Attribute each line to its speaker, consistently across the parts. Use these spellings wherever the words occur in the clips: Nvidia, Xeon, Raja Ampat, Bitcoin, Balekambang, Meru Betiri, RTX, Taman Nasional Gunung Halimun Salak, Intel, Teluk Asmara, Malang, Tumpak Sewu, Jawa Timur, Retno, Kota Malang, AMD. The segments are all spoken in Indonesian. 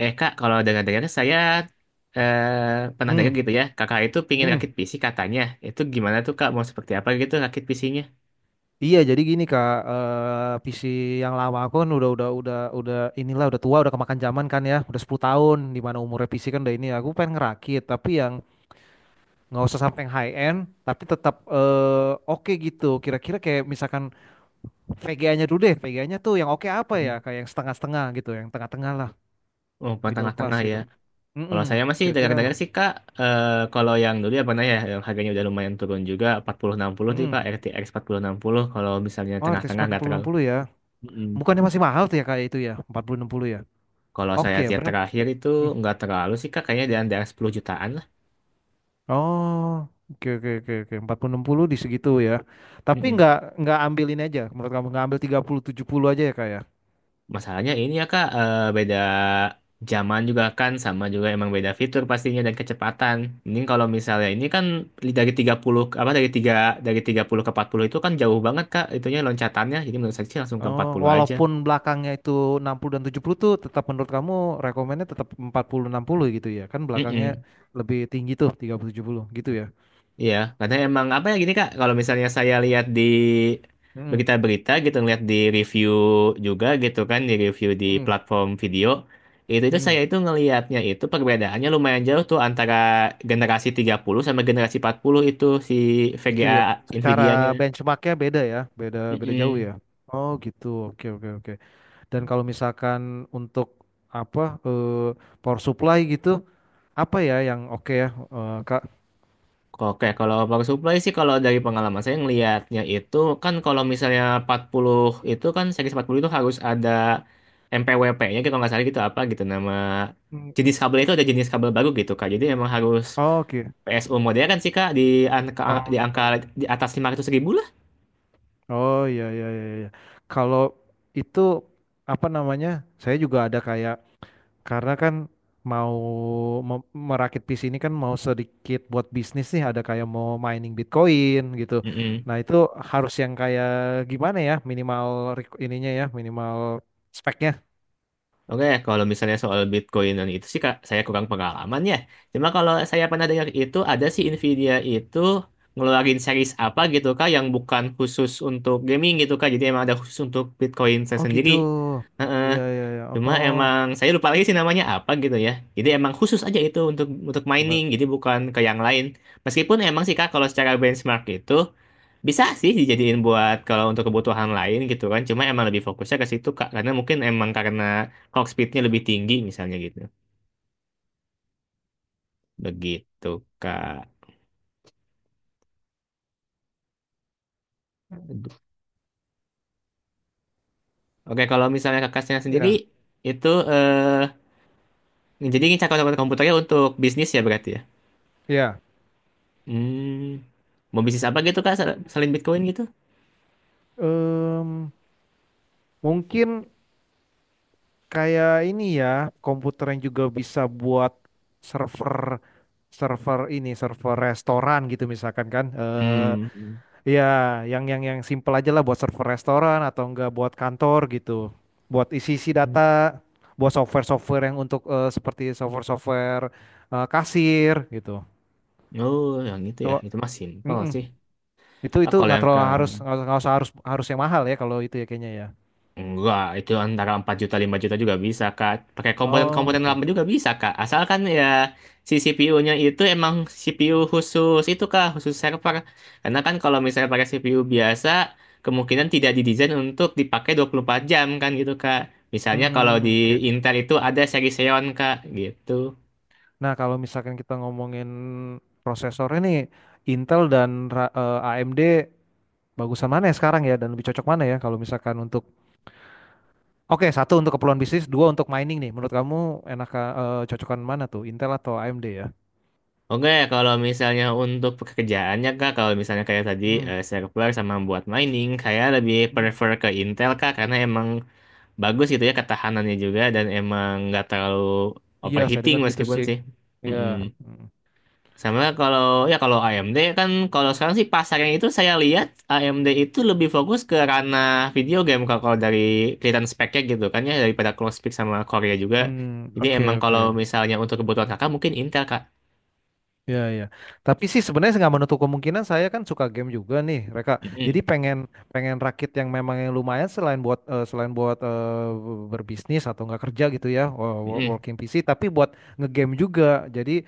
Speaker 1: Eh kak, kalau dengar-dengar saya eh, pernah
Speaker 2: Hmm,
Speaker 1: dengar gitu ya, kakak itu pingin rakit
Speaker 2: hmm.
Speaker 1: PC katanya. Itu gimana tuh kak, mau seperti apa gitu rakit PC-nya?
Speaker 2: Iya, jadi gini Kak, PC yang lama aku kan udah inilah, udah tua, udah kemakan zaman kan ya, udah 10 tahun, di mana umurnya PC kan udah ini. Aku pengen ngerakit, tapi yang nggak usah sampai yang high end, tapi tetap oke gitu. Kira-kira kayak misalkan VGA-nya dulu deh, VGA-nya tuh yang oke apa ya? Kayak yang setengah-setengah gitu, yang tengah-tengah lah,
Speaker 1: Oh, bukan
Speaker 2: middle class
Speaker 1: tengah-tengah ya.
Speaker 2: gitu.
Speaker 1: Kalau
Speaker 2: Mm-mm,
Speaker 1: saya masih
Speaker 2: kira-kira apa?
Speaker 1: dengar-dengar sih kak, eh, kalau yang dulu ya pernah ya, yang harganya udah lumayan turun juga, 4060 tuh
Speaker 2: Mm-mm.
Speaker 1: kak, RTX puluh, enam puluh, kalau misalnya
Speaker 2: Oh, R T X
Speaker 1: tengah-tengah
Speaker 2: empat
Speaker 1: nggak
Speaker 2: puluh enam
Speaker 1: terlalu.
Speaker 2: puluh ya.
Speaker 1: Mm-mm.
Speaker 2: Bukannya masih mahal tuh ya kayak itu ya, empat puluh enam puluh ya.
Speaker 1: Kalau saya
Speaker 2: Oke,
Speaker 1: lihat
Speaker 2: berapa?
Speaker 1: terakhir itu nggak terlalu sih kak, kayaknya di antara 10 jutaan lah.
Speaker 2: Oh, oke, oke, oke, oke. Empat puluh enam puluh di segitu ya. Tapi
Speaker 1: Hmm.
Speaker 2: nggak ambil ini aja. Menurut kamu nggak ambil tiga puluh tujuh puluh aja ya kak ya?
Speaker 1: Masalahnya ini ya Kak, beda zaman juga kan, sama juga emang beda fitur pastinya dan kecepatan. Mending kalau misalnya ini kan dari 30 ke- apa dari tiga dari 30 ke 40 itu kan jauh banget Kak, itunya loncatannya. Jadi menurut saya sih langsung ke empat
Speaker 2: Oh,
Speaker 1: puluh aja.
Speaker 2: walaupun belakangnya itu 60 dan 70 tuh, tetap menurut kamu rekomennya tetap empat puluh enam puluh gitu ya. Kan belakangnya
Speaker 1: Mm-mm.
Speaker 2: lebih tinggi tuh, tiga puluh tujuh puluh gitu ya.
Speaker 1: Iya, karena emang apa ya gini Kak, kalau misalnya saya lihat di
Speaker 2: Hmm.
Speaker 1: berita-berita gitu, ngeliat di review juga gitu kan, di review di
Speaker 2: Hmm.
Speaker 1: platform video, itu
Speaker 2: Hmm.
Speaker 1: saya itu ngelihatnya itu perbedaannya lumayan jauh tuh antara generasi 30 sama generasi 40 itu si
Speaker 2: Gitu
Speaker 1: VGA
Speaker 2: ya. Secara
Speaker 1: Nvidia-nya.
Speaker 2: benchmarknya beda ya. Beda, beda jauh
Speaker 1: Mm-mm.
Speaker 2: ya. Oh gitu, oke, oke, oke. Dan kalau misalkan untuk apa, eh, power supply gitu, apa ya yang oke ya, Kak?
Speaker 1: Oke, kalau power supply sih kalau dari pengalaman saya ngelihatnya itu kan kalau misalnya 40 itu kan seri 40 itu harus ada MPWP-nya gitu nggak salah gitu apa gitu nama
Speaker 2: Hmm.
Speaker 1: jenis kabel itu ada jenis kabel baru gitu Kak. Jadi emang harus
Speaker 2: Oke.
Speaker 1: PSU modern kan sih Kak
Speaker 2: Oh,
Speaker 1: di
Speaker 2: apa
Speaker 1: angka
Speaker 2: ya?
Speaker 1: di atas 500 ribu lah.
Speaker 2: Oh, iya, iya, iya, iya. Kalau itu apa namanya? Saya juga ada kayak karena kan mau merakit PC ini kan, mau sedikit buat bisnis nih, ada kayak mau mining Bitcoin gitu. Nah, itu harus yang kayak gimana ya? Minimal ininya ya, minimal speknya.
Speaker 1: Oke, kalau misalnya soal Bitcoin dan itu sih Kak, saya kurang pengalaman ya. Cuma kalau saya pernah dengar itu ada sih Nvidia itu ngeluarin series apa gitu Kak yang bukan khusus untuk gaming gitu Kak. Jadi emang ada khusus untuk Bitcoin saya
Speaker 2: Oh
Speaker 1: sendiri.
Speaker 2: gitu.
Speaker 1: Heeh.
Speaker 2: Iya, iya, iya.
Speaker 1: Cuma
Speaker 2: Oh,
Speaker 1: emang saya lupa lagi sih namanya apa gitu ya. Jadi emang khusus aja itu untuk mining,
Speaker 2: coba
Speaker 1: jadi bukan ke yang lain. Meskipun emang sih Kak kalau secara benchmark itu bisa sih dijadiin buat kalau untuk kebutuhan lain gitu kan. Cuma emang lebih fokusnya ke situ Kak. Karena mungkin emang karena clock speednya lebih tinggi misalnya gitu. Begitu Kak. Aduh. Oke kalau misalnya kakaknya sendiri
Speaker 2: ya.
Speaker 1: itu jadi ini cakap komputernya untuk bisnis ya berarti ya.
Speaker 2: Ya.
Speaker 1: Hmm, mau bisnis apa gitu Kak selain Bitcoin gitu?
Speaker 2: Em, Mungkin kayak ini ya, komputer yang juga bisa buat server, server ini server restoran gitu misalkan kan
Speaker 1: Hmm.
Speaker 2: ya, yang simple aja lah, buat server restoran atau enggak buat kantor gitu, buat isi-isi data, buat software-software yang untuk seperti software-software kasir gitu
Speaker 1: Oh yang itu ya.
Speaker 2: tuh.
Speaker 1: Itu mah simpel
Speaker 2: Mm-mm.
Speaker 1: sih.
Speaker 2: itu
Speaker 1: Ah,
Speaker 2: itu
Speaker 1: kalau
Speaker 2: nggak
Speaker 1: yang ke
Speaker 2: terlalu harus, nggak usah harus harus yang mahal ya kalau itu ya, kayaknya ya.
Speaker 1: Enggak, itu antara 4 juta 5 juta juga bisa, Kak. Pakai
Speaker 2: Oh,
Speaker 1: komponen-komponen
Speaker 2: oke.
Speaker 1: lama juga bisa, Kak. Asalkan ya si CPU-nya itu emang CPU khusus itu, Kak, khusus server. Karena kan kalau misalnya pakai CPU biasa, kemungkinan tidak didesain untuk dipakai 24 jam kan gitu, Kak. Misalnya kalau di
Speaker 2: Hmm, oke, oke.
Speaker 1: Intel itu ada seri Xeon, Kak, gitu.
Speaker 2: Nah, kalau misalkan kita ngomongin prosesornya nih, Intel dan AMD, bagusan mana ya sekarang ya, dan lebih cocok mana ya kalau misalkan untuk, oke, satu untuk keperluan bisnis, dua untuk mining nih. Menurut kamu enak, cocokan mana tuh, Intel atau AMD ya?
Speaker 1: Oke, kalau misalnya untuk pekerjaannya, Kak, kalau misalnya kayak tadi
Speaker 2: Hmm.
Speaker 1: server sama buat mining, kayak lebih
Speaker 2: Hmm.
Speaker 1: prefer ke Intel, Kak, karena emang bagus gitu ya ketahanannya juga dan emang nggak terlalu
Speaker 2: Iya, saya
Speaker 1: overheating
Speaker 2: dengar gitu
Speaker 1: meskipun
Speaker 2: sih.
Speaker 1: sih.
Speaker 2: Iya.
Speaker 1: Mm-mm.
Speaker 2: Hmm.
Speaker 1: Sama kalau ya kalau AMD kan kalau sekarang sih pasarnya itu saya lihat AMD itu lebih fokus ke ranah video game kalau kalau dari kelihatan speknya gitu kan ya daripada close Closepik sama Korea juga.
Speaker 2: Hmm,
Speaker 1: Jadi
Speaker 2: oke,
Speaker 1: emang kalau
Speaker 2: oke.
Speaker 1: misalnya untuk kebutuhan kakak mungkin Intel kak.
Speaker 2: Ya, ya. Tapi sih sebenarnya nggak menutup kemungkinan, saya kan suka game juga nih, mereka. Jadi
Speaker 1: Mm-mm.
Speaker 2: pengen, rakit yang memang yang lumayan, selain buat berbisnis atau nggak kerja gitu ya,
Speaker 1: Mm-mm.
Speaker 2: working PC, tapi buat ngegame juga. Jadi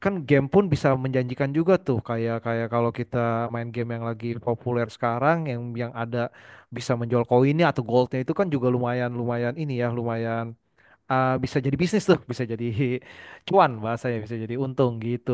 Speaker 2: kan game pun bisa menjanjikan juga tuh, kayak, kalau kita main game yang lagi populer sekarang, yang, ada bisa menjual koinnya atau goldnya, itu kan juga lumayan, lumayan ini ya, lumayan bisa jadi bisnis tuh, bisa jadi cuan bahasanya, bisa jadi untung gitu.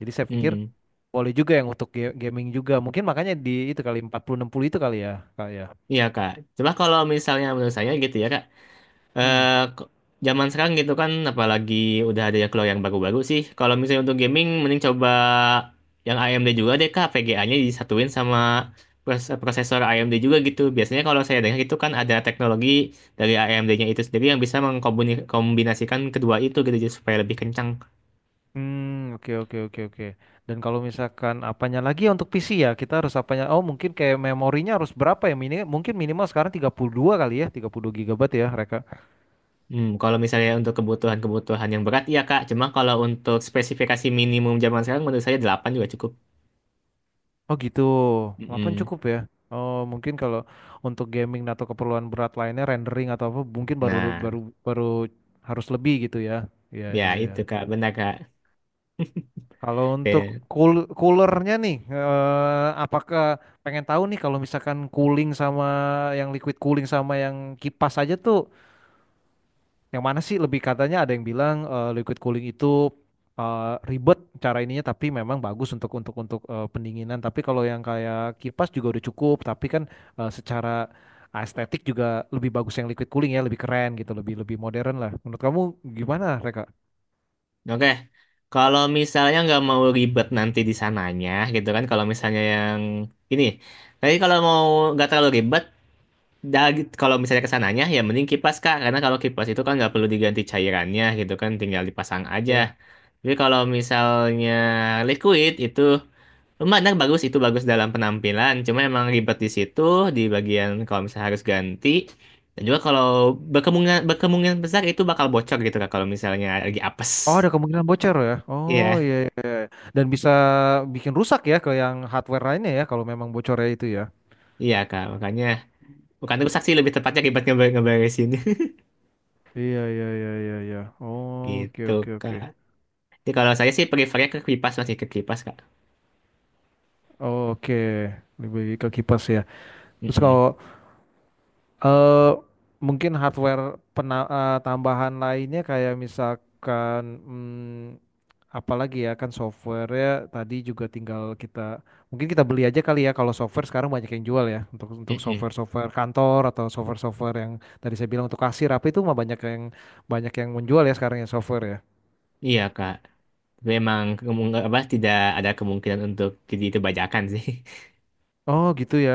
Speaker 2: Jadi saya pikir
Speaker 1: Mm-mm.
Speaker 2: boleh juga yang untuk gaming juga. Mungkin makanya di itu kali, 40 puluh enam puluh itu kali ya, kali ya.
Speaker 1: Iya kak. Coba kalau misalnya menurut saya gitu ya kak.
Speaker 2: Hmm.
Speaker 1: eh k- zaman sekarang gitu kan apalagi udah ada yang keluar yang baru-baru sih. Kalau misalnya untuk gaming mending coba yang AMD juga deh Kak, VGA-nya disatuin sama prosesor AMD juga gitu. Biasanya kalau saya dengar itu kan ada teknologi dari AMD-nya itu sendiri yang bisa mengkombinasikan kedua itu gitu jadi supaya lebih kencang.
Speaker 2: Hmm, oke, oke, oke, oke. Dan kalau misalkan apanya lagi ya untuk PC ya, kita harus apanya? Oh, mungkin kayak memorinya harus berapa ya mini? Mungkin minimal sekarang 32 kali ya, 32 GB ya, Reka.
Speaker 1: Hmm, kalau misalnya untuk kebutuhan-kebutuhan yang berat ya Kak, cuma kalau untuk spesifikasi minimum zaman sekarang menurut saya 8 juga cukup.
Speaker 2: Oh gitu, 8
Speaker 1: Mm-mm.
Speaker 2: cukup ya. Oh, mungkin kalau untuk gaming atau keperluan berat lainnya, rendering atau apa, mungkin baru,
Speaker 1: Nah,
Speaker 2: baru baru harus lebih gitu ya. Iya,
Speaker 1: ya
Speaker 2: iya, iya.
Speaker 1: itu Kak, benar Kak.
Speaker 2: Kalau
Speaker 1: Oke.
Speaker 2: untuk coolernya nih, apakah, pengen tahu nih kalau misalkan cooling, sama yang liquid cooling sama yang kipas aja tuh, yang mana sih lebih, katanya ada yang bilang liquid cooling itu eh, ribet cara ininya, tapi memang bagus untuk, pendinginan. Tapi kalau yang kayak kipas juga udah cukup, tapi kan secara estetik juga lebih bagus yang liquid cooling ya, lebih keren gitu, lebih, modern lah. Menurut kamu gimana, Reka?
Speaker 1: Oke, kalau misalnya nggak mau ribet nanti di sananya, gitu kan? Kalau misalnya yang ini, tapi kalau mau nggak terlalu ribet, dah, kalau misalnya ke sananya, ya mending kipas Kak, karena kalau kipas itu kan nggak perlu diganti cairannya, gitu kan? Tinggal dipasang aja.
Speaker 2: Ya.
Speaker 1: Tapi kalau misalnya liquid itu lumayan nah, bagus, itu bagus dalam penampilan. Cuma emang ribet di situ, di bagian kalau misalnya harus ganti. Dan juga kalau berkemungkinan besar itu bakal bocor gitu Kak, kalau misalnya lagi
Speaker 2: Oh,
Speaker 1: apes.
Speaker 2: ada kemungkinan bocor ya. Oh
Speaker 1: Iya.
Speaker 2: iya, iya. Dan bisa bikin rusak ya ke yang hardware lainnya ya, kalau memang bocornya itu ya.
Speaker 1: Iya kak, makanya bukan rusak sih lebih tepatnya ribet ngeberesin
Speaker 2: Iya, iya, iya, iya, iya. Oke,
Speaker 1: gitu
Speaker 2: oke, oke.
Speaker 1: kak. Jadi kalau saya sih prefernya ke kipas masih ke kipas kak.
Speaker 2: Oke, lebih ke kipas ya. Terus
Speaker 1: Mm-mm.
Speaker 2: kalau eh, mungkin hardware tambahan lainnya kayak misalkan, hmm, apalagi ya? Kan software ya, tadi juga tinggal kita, mungkin kita beli aja kali ya kalau software, sekarang banyak yang jual ya, untuk,
Speaker 1: Mm-mm.
Speaker 2: software-software kantor atau software-software yang tadi saya bilang untuk kasir, apa itu mah banyak yang, menjual ya sekarang ya, software ya.
Speaker 1: Iya kak, tapi emang kemung- apa tidak ada kemungkinan untuk jadi kebajakan sih.
Speaker 2: Oh gitu ya.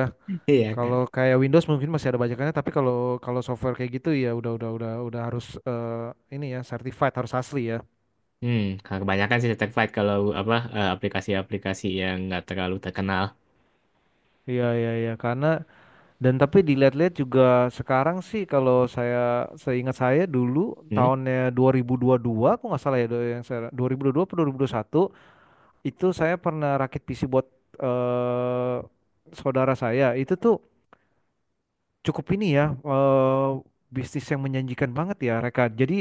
Speaker 1: Iya
Speaker 2: Kalau
Speaker 1: kak.
Speaker 2: kayak Windows mungkin masih ada bajakannya, tapi kalau, software kayak gitu ya udah, udah harus ini ya, certified, harus asli ya.
Speaker 1: Hmm, kalau kebanyakan sih certified kalau aplikasi-aplikasi yang nggak terlalu terkenal.
Speaker 2: Iya, iya, iya, karena, dan tapi dilihat-lihat juga sekarang sih, kalau saya, seingat saya dulu
Speaker 1: Hmm?
Speaker 2: tahunnya 2022, aku nggak salah ya, yang saya, 2022 atau 2021, itu saya pernah rakit PC buat eh, saudara saya. Itu tuh cukup ini ya, bisnis yang menjanjikan banget ya, Reka. Jadi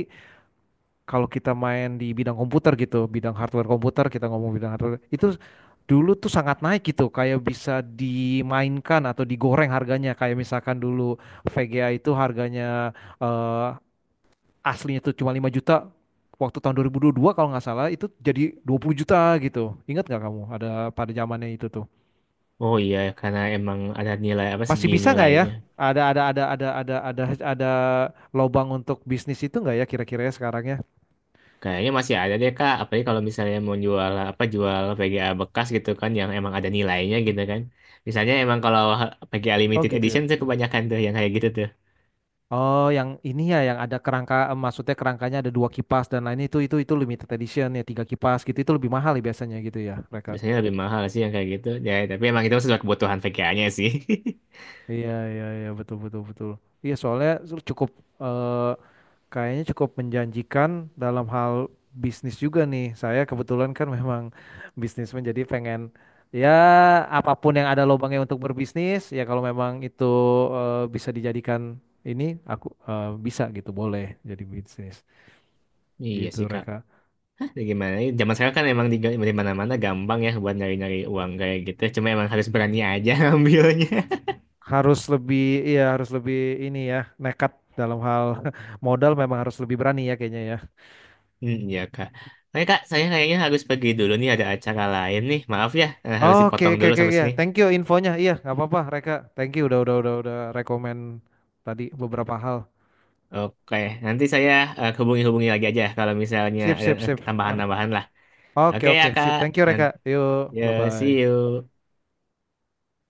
Speaker 2: kalau kita main di bidang komputer gitu, bidang hardware komputer, kita ngomong bidang hardware, itu dulu tuh sangat naik gitu, kayak bisa dimainkan atau digoreng harganya. Kayak misalkan dulu VGA itu harganya eh, aslinya tuh cuma 5 juta, waktu tahun 2022 kalau nggak salah itu jadi 20 juta gitu. Ingat nggak kamu ada pada zamannya itu tuh?
Speaker 1: Oh iya, karena emang ada nilai apa
Speaker 2: Masih
Speaker 1: segi
Speaker 2: bisa nggak ya?
Speaker 1: nilainya.
Speaker 2: Ada ada ada ada ada ada ada lobang untuk bisnis itu nggak ya, kira-kira ya, sekarangnya?
Speaker 1: Kayaknya masih ada deh Kak, apalagi kalau misalnya mau jual VGA bekas gitu kan yang emang ada nilainya
Speaker 2: Hmm.
Speaker 1: gitu kan. Misalnya emang kalau VGA
Speaker 2: Oh
Speaker 1: limited
Speaker 2: gitu ya.
Speaker 1: edition tuh kebanyakan tuh yang kayak gitu tuh.
Speaker 2: Oh, yang ini ya, yang ada kerangka, eh, maksudnya kerangkanya ada dua kipas dan lain itu, limited edition ya, tiga kipas gitu, itu lebih mahal ya biasanya gitu ya, mereka.
Speaker 1: Biasanya lebih mahal sih yang kayak gitu. Ya, tapi emang itu sesuai kebutuhan VGA-nya sih.
Speaker 2: Iya, iya, iya, betul, betul, betul. Iya, soalnya cukup, eh, kayaknya cukup menjanjikan dalam hal bisnis juga nih. Saya kebetulan kan memang bisnis, menjadi pengen ya apapun yang ada lubangnya untuk berbisnis, ya kalau memang itu bisa dijadikan ini, aku bisa gitu, boleh jadi bisnis
Speaker 1: Iya
Speaker 2: gitu,
Speaker 1: sih Kak.
Speaker 2: mereka.
Speaker 1: Ya gimana? Ya, zaman sekarang kan emang di mana-mana gampang ya buat nyari-nyari uang kayak gitu. Cuma emang harus berani aja ambilnya.
Speaker 2: Harus lebih, iya harus lebih ini ya, nekat dalam hal modal, memang harus lebih berani ya kayaknya ya.
Speaker 1: Hmm, iya Kak. Oke Kak, saya kayaknya harus pergi dulu nih ada acara lain nih. Maaf ya, harus
Speaker 2: Oke,
Speaker 1: dipotong
Speaker 2: oke,
Speaker 1: dulu
Speaker 2: oke
Speaker 1: sampai
Speaker 2: ya.
Speaker 1: sini.
Speaker 2: Thank you infonya. Iya, nggak apa-apa Reka. Thank you udah, rekomend tadi beberapa hal.
Speaker 1: Oke, nanti saya hubungi-hubungi lagi aja kalau misalnya
Speaker 2: Sip,
Speaker 1: ada
Speaker 2: sip, sip. Ah,
Speaker 1: tambahan-tambahan lah.
Speaker 2: oke,
Speaker 1: Oke ya,
Speaker 2: oke,
Speaker 1: Kak.
Speaker 2: sip. Thank you
Speaker 1: And,
Speaker 2: Reka. Yuk,
Speaker 1: ya,
Speaker 2: bye
Speaker 1: see
Speaker 2: bye.
Speaker 1: you.